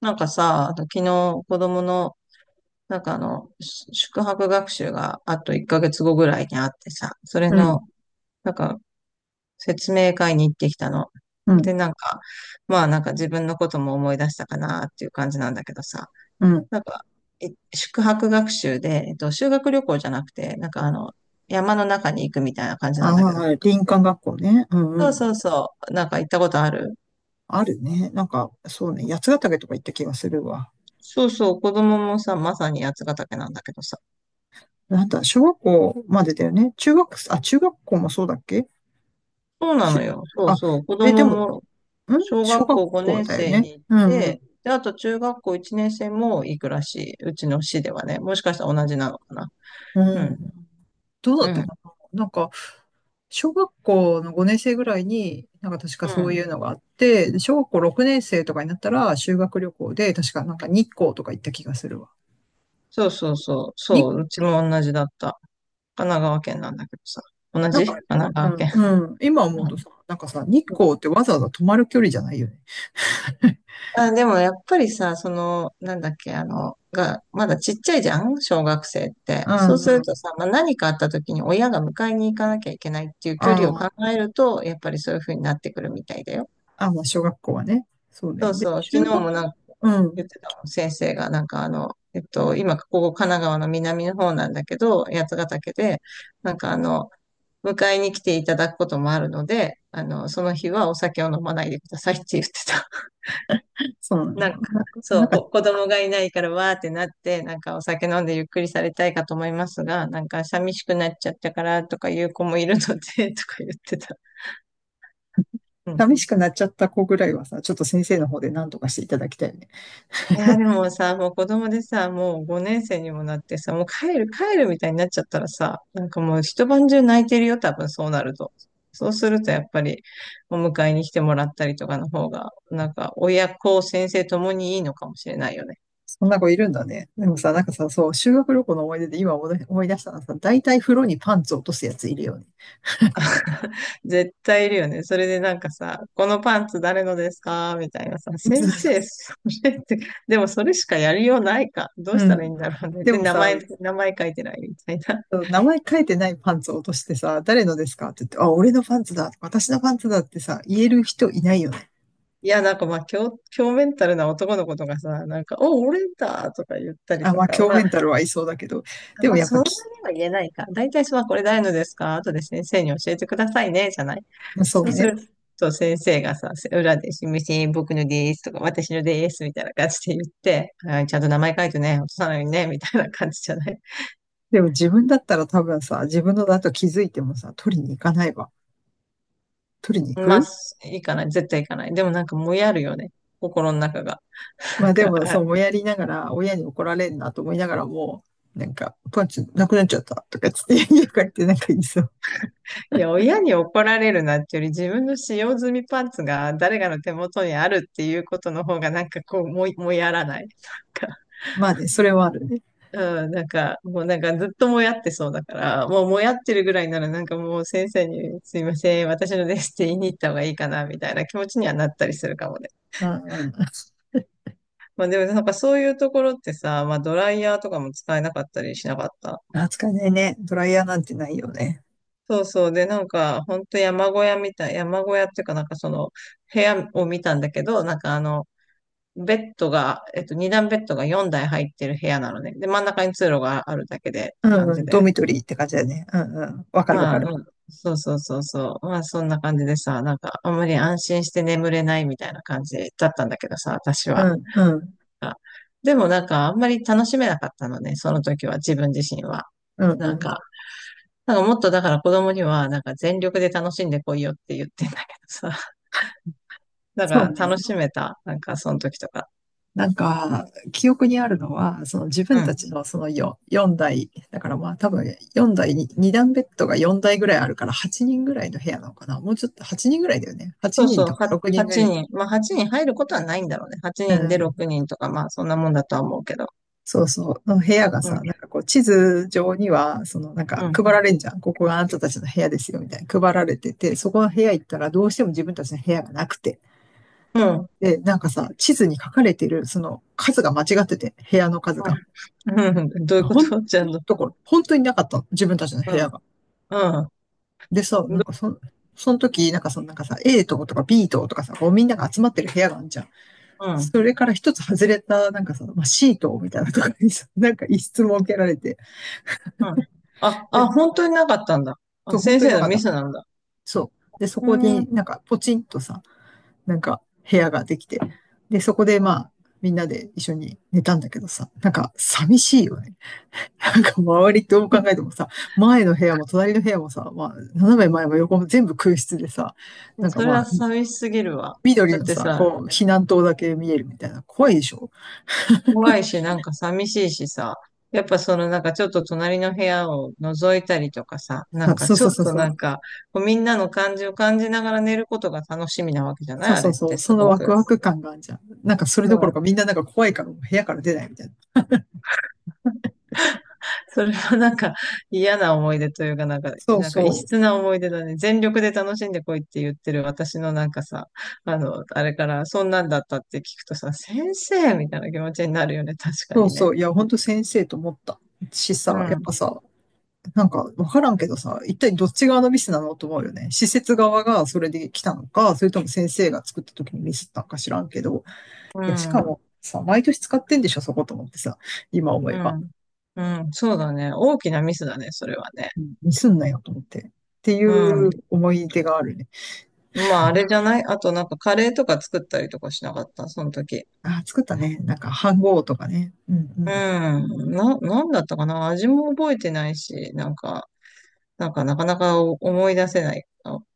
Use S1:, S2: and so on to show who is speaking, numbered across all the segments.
S1: なんかさ、あと昨日子供の、宿泊学習があと1ヶ月後ぐらいにあってさ、それ
S2: うん、
S1: の、なんか説明会に行ってきたの。
S2: う
S1: で、
S2: ん、
S1: なんか、まあ自分のことも思い出したかなっていう感じなんだけどさ、
S2: うん。
S1: なんか、宿泊学習で、修学旅行じゃなくて、山の中に行くみたいな感じ
S2: あ
S1: なんだけど、
S2: あ、林間学校ね。うんう
S1: そう
S2: ん。
S1: そうそう、なんか行ったことある。
S2: あるね。そうね。八ヶ岳とか行った気がするわ。
S1: そうそう、子供もさ、まさに八ヶ岳なんだけどさ、
S2: なんだ、小学校までだよね。中学校もそうだっけ
S1: そうな
S2: 中、
S1: のよ。そう
S2: あ、
S1: そう。子
S2: え、で
S1: 供
S2: も、
S1: も小
S2: 小
S1: 学
S2: 学
S1: 校
S2: 校
S1: 5年
S2: だよ
S1: 生
S2: ね。
S1: に行っ
S2: うんう
S1: て、
S2: ん。
S1: で、あと中学校1年生も行くらしい。うちの市ではね。もしかしたら同じなのかな。
S2: う
S1: う
S2: ん。
S1: ん。
S2: どうだ
S1: う
S2: ったか
S1: ん。
S2: な小学校の5年生ぐらいに、なんか確か
S1: う
S2: そうい
S1: ん。
S2: うのがあって、で小学校6年生とかになったら修学旅行で、確かなんか日光とか行った気がするわ。
S1: そうそうそう。そう。
S2: 日
S1: うちも同じだった。神奈川県なんだけどさ。同
S2: なん
S1: じ
S2: か、
S1: 神奈
S2: う
S1: 川
S2: ん、
S1: 県。
S2: うん、今思う
S1: う
S2: と
S1: ん。
S2: さ、なんかさ、日光ってわざわざ泊まる距離じゃないよね。
S1: あ、でもやっぱりさ、その、なんだっけ、まだちっちゃいじゃん小学生っ
S2: う
S1: て。そう
S2: ん
S1: す
S2: う
S1: ると
S2: ん。
S1: さ、まあ、何かあった時に親が迎えに行かなきゃいけないっていう距離を
S2: あ
S1: 考えると、やっぱりそういう風になってくるみたいだよ。
S2: まあ、小学校はね。そうね。
S1: そう
S2: で、
S1: そう、
S2: 中
S1: 昨日
S2: 学、
S1: も
S2: う
S1: 言っ
S2: ん。
S1: てたもん、先生が、今、ここ神奈川の南の方なんだけど、八ヶ岳で、なんかあの、迎えに来ていただくこともあるので、あの、その日はお酒を飲まないでくださいって言ってた。
S2: そうなん
S1: なん
S2: だ。
S1: か、そう、子供がいないからわーってなって、なんかお酒飲んでゆっくりされたいかと思いますが、なんか寂しくなっちゃったからとかいう子もいるので、とか言ってた。うん。
S2: 寂しくなっちゃった子ぐらいはさ、ちょっと先生の方で何とかしていただきたいよね。
S1: いや、でもさ、もう子供でさ、もう5年生にもなってさ、もう帰るみたいになっちゃったらさ、なんかもう一晩中泣いてるよ、多分そうなると。そうするとやっぱり、お迎えに来てもらったりとかの方が、なんか親子、先生ともにいいのかもしれないよね。
S2: そんな子いるんだね。でもさ、なんかさ、そう、修学旅行の思い出で今思い出したのはさ、大体風呂にパンツ落とすやついるよね。
S1: 絶対いるよね。それでなんかさ、このパンツ誰のですかみたいなさ、先生、それって、でもそれしかやりようないか。どう
S2: う
S1: したらいい
S2: ん。
S1: んだろうね。
S2: で
S1: で、
S2: もさ、
S1: 名前書いてないみたいな。
S2: 名前書いてないパンツを落としてさ、誰のですかって言って、あ、俺のパンツだ、私のパンツだってさ、言える人いないよね。
S1: いや、なんかまあ、強メンタルな男の子とかさ、なんか、俺だとか言ったり
S2: あ、
S1: と
S2: まあ、
S1: か、
S2: 強
S1: ま
S2: メ
S1: あ、
S2: ンタルはいそうだけど、でも
S1: まあ、
S2: やっ
S1: そ
S2: ぱ
S1: んなに
S2: き、
S1: は言えないか。大体、まあ、これ誰のですか後で先生に教えてくださいね、じゃない。
S2: そう
S1: そうす
S2: ね。
S1: ると、先生がさ、裏で、すみません、僕のですとか、私のです、みたいな感じで言って、はい、ちゃんと名前書いてね、落とさないようにね、みたいな感じじゃない。
S2: でも自分だったら多分さ、自分のだと気づいてもさ、取りに行かないわ。取りに行
S1: まあ、
S2: く
S1: いいかない、絶対いかない。でもなんか、もやるよね。心の中が。な
S2: ま
S1: ん
S2: あで
S1: か、
S2: も、
S1: あ
S2: そう、もやりながら、親に怒られるなと思いながらも、なんか、パンツなくなっちゃったとかつって、家帰ってなんか言いそう。
S1: いや、親に怒られるなってより自分の使用済みパンツが誰かの手元にあるっていうことの方がなんかこう、ももやらない。なんか、
S2: まあね、それはあるね。
S1: うん、なんか、もうなんかずっともやってそうだから、もうもやってるぐらいならなんかもう先生にすいません、私のですって言いに行った方がいいかなみたいな気持ちにはなったりするかもね。
S2: うんうん。
S1: まあでもなんかそういうところってさ、まあドライヤーとかも使えなかったりしなかった？
S2: 扱えないね。ドライヤーなんてないよね。
S1: そうそう。で、なんか、ほんと山小屋みたい、山小屋っていうかなんかその、部屋を見たんだけど、ベッドが、二段ベッドが4台入ってる部屋なのね。で、真ん中に通路があるだけでっ
S2: う
S1: て
S2: ん
S1: 感
S2: う
S1: じ
S2: ん、ド
S1: で。
S2: ミトリーって感じだね。うんうん。わかるわ
S1: ま
S2: か
S1: あ、
S2: る。
S1: うん、そうそうそうそう。まあ、そんな感じでさ、なんか、あんまり安心して眠れないみたいな感じだったんだけどさ、私は。
S2: うん、うん、
S1: あ、でもなんか、あんまり楽しめなかったのね、その時は、自分自身は。
S2: うん、う
S1: なん
S2: ん。
S1: か、なんかもっとだから子供には、なんか全力で楽しんでこいよって言ってんだけどさ、だ
S2: そう
S1: から
S2: ね。
S1: 楽しめた、なんかその時とか。
S2: なんか、記憶にあるのは、その自
S1: う
S2: 分た
S1: ん。
S2: ちのその4、四台、だからまあ多分4台に、2段ベッドが4台ぐらいあるから8人ぐらいの部屋なのかな。もうちょっと8人ぐらいだよね。8
S1: そうそ
S2: 人
S1: う、
S2: とか6人ぐら
S1: 8
S2: い。
S1: 人。まあ、8人入ることはないんだろうね。8
S2: う
S1: 人で
S2: ん。
S1: 6人とか、まあ、そんなもんだとは思うけど。
S2: そうそう。の部屋が
S1: うん、
S2: さ、なんかこう地図上には、そのなんか
S1: うん、
S2: 配られんじゃん。ここがあなたたちの部屋ですよ、みたいな。配られてて、そこの部屋行ったらどうしても自分たちの部屋がなくて。
S1: うん、うん、
S2: で、なんかさ、地図に書かれてる、その数が間違ってて、部屋の数が。
S1: うん、どういうこ
S2: ほん
S1: とちゃんと。
S2: ところ、本当になかったの。自分たちの部
S1: うん、
S2: 屋が。
S1: う
S2: でさ、
S1: ん、ど
S2: その時、なんかそのなんかさ、A 棟とか B 棟とかさ、こうみんなが集まってる部屋があるじゃん。
S1: うん、うん。
S2: それから一つ外れた、なんかさ、まあ、C 棟みたいなところにさ、なんか一室設けられて。
S1: あ、あ、
S2: で、
S1: 本当になかったんだ。あ、
S2: そう、本
S1: 先
S2: 当に
S1: 生
S2: な
S1: の
S2: かっ
S1: ミ
S2: た。
S1: スなんだ。
S2: そう。で、そ
S1: うー
S2: こ
S1: ん、
S2: になんかポチンとさ、なんか部屋ができて。で、そこでま
S1: う
S2: あ、みんなで一緒に寝たんだけどさ、なんか寂しいよね。なんか周りどう考えてもさ、前の部屋も隣の部屋もさ、まあ、斜め前も横も全部空室でさ、な
S1: ん。
S2: ん か
S1: それ
S2: ま
S1: は
S2: あ、
S1: 寂しすぎるわ。
S2: 緑
S1: だっ
S2: の
S1: て
S2: さ、
S1: さ、
S2: こう、避難灯だけ見えるみたいな、怖いでしょ。
S1: 怖いし、なんか寂しいしさ、やっぱそのなんかちょっと隣の部屋を覗いたりとかさ、なん
S2: あ
S1: か
S2: そう
S1: ち
S2: そ
S1: ょ
S2: う
S1: っ
S2: そう
S1: と
S2: そ
S1: なん
S2: う。
S1: か、こうみんなの感じを感じながら寝ることが楽しみなわけじゃない
S2: そう
S1: あ
S2: そ
S1: れっ
S2: うそ
S1: て
S2: う、
S1: す
S2: その
S1: ご
S2: ワク
S1: く。
S2: ワク感があるじゃん。なんかそれど
S1: う
S2: ころか
S1: ん。
S2: みんななんか怖いからもう部屋から出ないみたいな。
S1: それはなんか嫌な思い出というか、
S2: そう
S1: なんか異
S2: そう、
S1: 質な思い出だね。全力で楽しんでこいって言ってる私のなんかさ、あの、あれからそんなんだったって聞くとさ、先生みたいな気持ちになるよね。確か
S2: そう
S1: に
S2: そ
S1: ね。
S2: う、いや、ほんと先生と思ったし
S1: う
S2: さ、やっ
S1: ん。
S2: ぱさ、なんかわからんけどさ、一体どっち側のミスなのと思うよね。施設側がそれで来たのか、それとも先生が作った時にミスったのか知らんけど、
S1: う
S2: いや、しか
S1: ん。
S2: もさ、毎年使ってんでしょ、そこと思ってさ、今思
S1: う
S2: えば。
S1: ん。うん。そうだね。大きなミスだね、それはね。
S2: ミスんなよと思って。ってい
S1: うん。
S2: う思い出があるね。
S1: まあ、あれじゃないあと、なんかカレーとか作ったりとかしなかった、その時。
S2: あ作ったね。なんか、飯号とかね。うんう
S1: う
S2: ん。
S1: ん。なんだったかな、味も覚えてないし、なんかなかなか思い出せない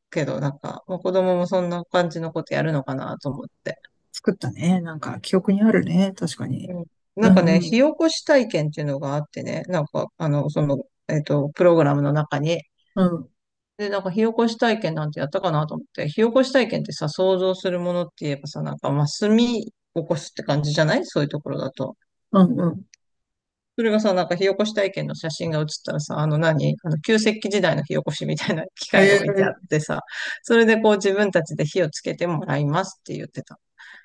S1: けど、なんか、まあ、子供もそんな感じのことやるのかなと思って。
S2: 作ったね。なんか、記憶にあるね。確かに。
S1: うん。な
S2: う
S1: ん
S2: ん
S1: かね、
S2: う
S1: 火
S2: ん。
S1: 起こし体験っていうのがあってね、プログラムの中に、
S2: うん。
S1: で、なんか火起こし体験なんてやったかなと思って、火起こし体験ってさ、想像するものって言えばさ、なんかまあ炭起こすって感じじゃないそういうところだと。
S2: うんうん。
S1: それがさ、なんか火起こし体験の写真が写ったらさ、あの何あの旧石器時代の火起こしみたいな機械が
S2: え
S1: 置いてあっ
S2: え
S1: てさ、それでこう自分たちで火をつけてもらいますって言ってた。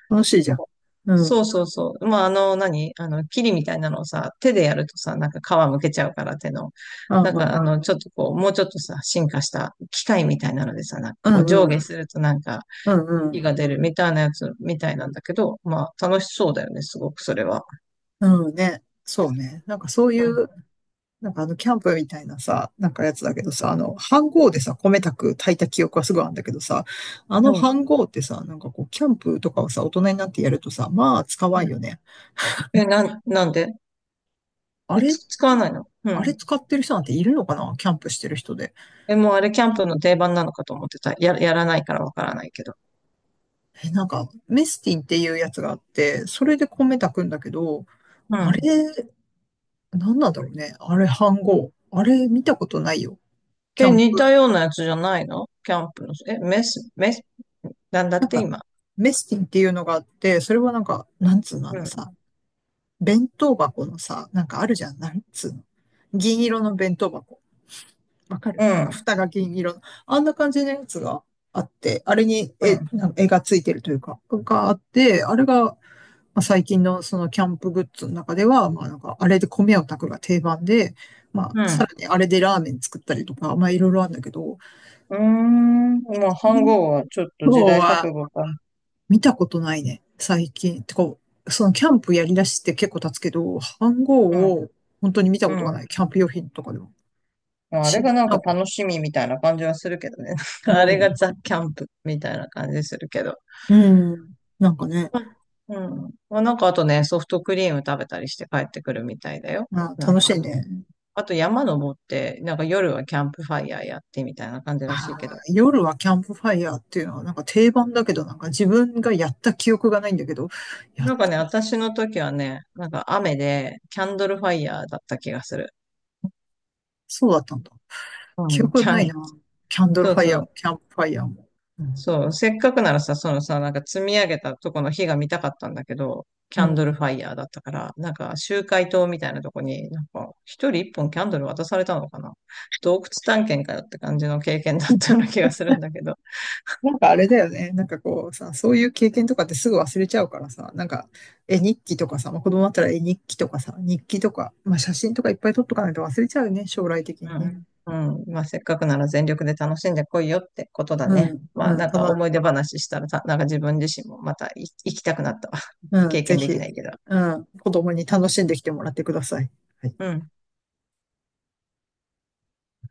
S2: 楽しいじゃん。う
S1: そう
S2: ん。
S1: そうそうそう。まあ、あの、キリみたいなのをさ、手でやるとさ、なんか皮むけちゃうから手の。
S2: あ、うん。
S1: ちょっとこう、もうちょっとさ、進化した機械みたいなのでさ、なんか
S2: う
S1: こう、
S2: ん
S1: 上
S2: う
S1: 下
S2: ん。
S1: するとなんか、
S2: うんう
S1: 火
S2: ん。
S1: が出るみたいなやつみたいなんだけど、まあ、楽しそうだよね、すごくそれは。
S2: うんね。そうね。なんかそうい
S1: うん。
S2: うなんかあの、キャンプみたいなさ、なんかやつだけどさ、あの、飯盒でさ、米炊く、炊いた記憶はすごいあるんだけどさ、あの
S1: うん。
S2: 飯盒ってさ、なんかこう、キャンプとかをさ、大人になってやるとさ、まあ、使わん
S1: うん。
S2: よね。
S1: え、なん、なんで
S2: あれ、
S1: 使わないの？う
S2: あれ
S1: ん。
S2: 使ってる人なんているのかなキャンプしてる人で。
S1: え、もうあれ、キャンプの定番なのかと思ってた。やらないからわからないけど。
S2: え、なんか、メスティンっていうやつがあって、それで米炊くんだけど、
S1: う
S2: あれ、
S1: ん。
S2: なんなんだろうね。あれ、飯盒。あれ、見たことないよ。キ
S1: え、
S2: ャンプ。
S1: 似たようなやつじゃないのキャンプの。え、メス、メス、なんだっ
S2: なん
S1: て
S2: か、
S1: 今。
S2: メスティンっていうのがあって、それはなんか、なんつうの、あ
S1: う
S2: の
S1: ん。
S2: さ、弁当箱のさ、なんかあるじゃん。なんつうの。銀色の弁当箱。わか
S1: う
S2: るなんか
S1: ん。
S2: 蓋が銀色の。あんな感じのやつがあって、あれに
S1: うん。
S2: なんか絵がついてるというか、があって、あれが、まあ、最近のそのキャンプグッズの中では、まあなんかあれで米を炊くが定番で、まあ
S1: う
S2: さら
S1: ん。
S2: にあれでラーメン作ったりとか、まあいろいろあるんだけど、
S1: うーん。まあ、飯盒はちょっと
S2: 今
S1: 時
S2: 日
S1: 代
S2: は
S1: 錯誤か。
S2: 見たことないね、最近。てか、そのキャンプやりだして結構経つけど、飯
S1: う
S2: 盒
S1: ん。
S2: を本当に見たこと
S1: う
S2: がな
S1: ん。
S2: い、キャンプ用品とかでも。
S1: まあ、あれが
S2: し、
S1: なん
S2: な
S1: か
S2: んか、
S1: 楽しみみたいな感じはするけどね。あ
S2: う
S1: れが
S2: ん、
S1: ザ・キャンプみたいな感じするけど。
S2: うん、なんかね、
S1: まあ、うん。まあ、なんかあとね、ソフトクリーム食べたりして帰ってくるみたいだよ。
S2: あ、
S1: なん
S2: 楽
S1: か
S2: し
S1: あ
S2: い
S1: と、
S2: ね。
S1: あと山登って、なんか夜はキャンプファイヤーやってみたいな感じ
S2: あ
S1: らしいけど。
S2: ー、夜はキャンプファイヤーっていうのはなんか定番だけど、なんか自分がやった記憶がないんだけど、やっ、
S1: なんかね、私の時はね、なんか雨で、キャンドルファイヤーだった気がする。
S2: そうだったんだ。
S1: う
S2: 記
S1: ん、
S2: 憶
S1: キャ
S2: ない
S1: ン、
S2: な。キャンドル
S1: そ
S2: フ
S1: う
S2: ァイ
S1: そ
S2: ヤーも、
S1: う、
S2: キャンプファイヤーも。うん、
S1: そう、せっかくならさ、そのさ、なんか積み上げたとこの火が見たかったんだけど、キ
S2: う
S1: ャンド
S2: ん
S1: ルファイヤーだったから、なんか集会棟みたいなとこに、なんか一人一本キャンドル渡されたのかな。洞窟探検かよって感じの経験だったような気がするんだけど。
S2: なんかあれだよね。なんかこうさ、そういう経験とかってすぐ忘れちゃうからさ、なんか絵日記とかさ、まあ、子供だったら絵日記とかさ、日記とか、まあ、写真とかいっぱい撮っとかないと忘れちゃうよね、将来的に
S1: う
S2: ね。
S1: ん。うん。まあ、せっかくなら全力で楽しんでこいよってことだ
S2: う
S1: ね。
S2: ん、
S1: まあ、
S2: うん、
S1: なん
S2: た
S1: か
S2: の、
S1: 思い出話したらさ、自分自身もまた行きたくなった。
S2: うん、
S1: 経
S2: ぜ
S1: 験できな
S2: ひ、
S1: いけど。
S2: うん、子供に楽しんできてもらってください。はい
S1: うん。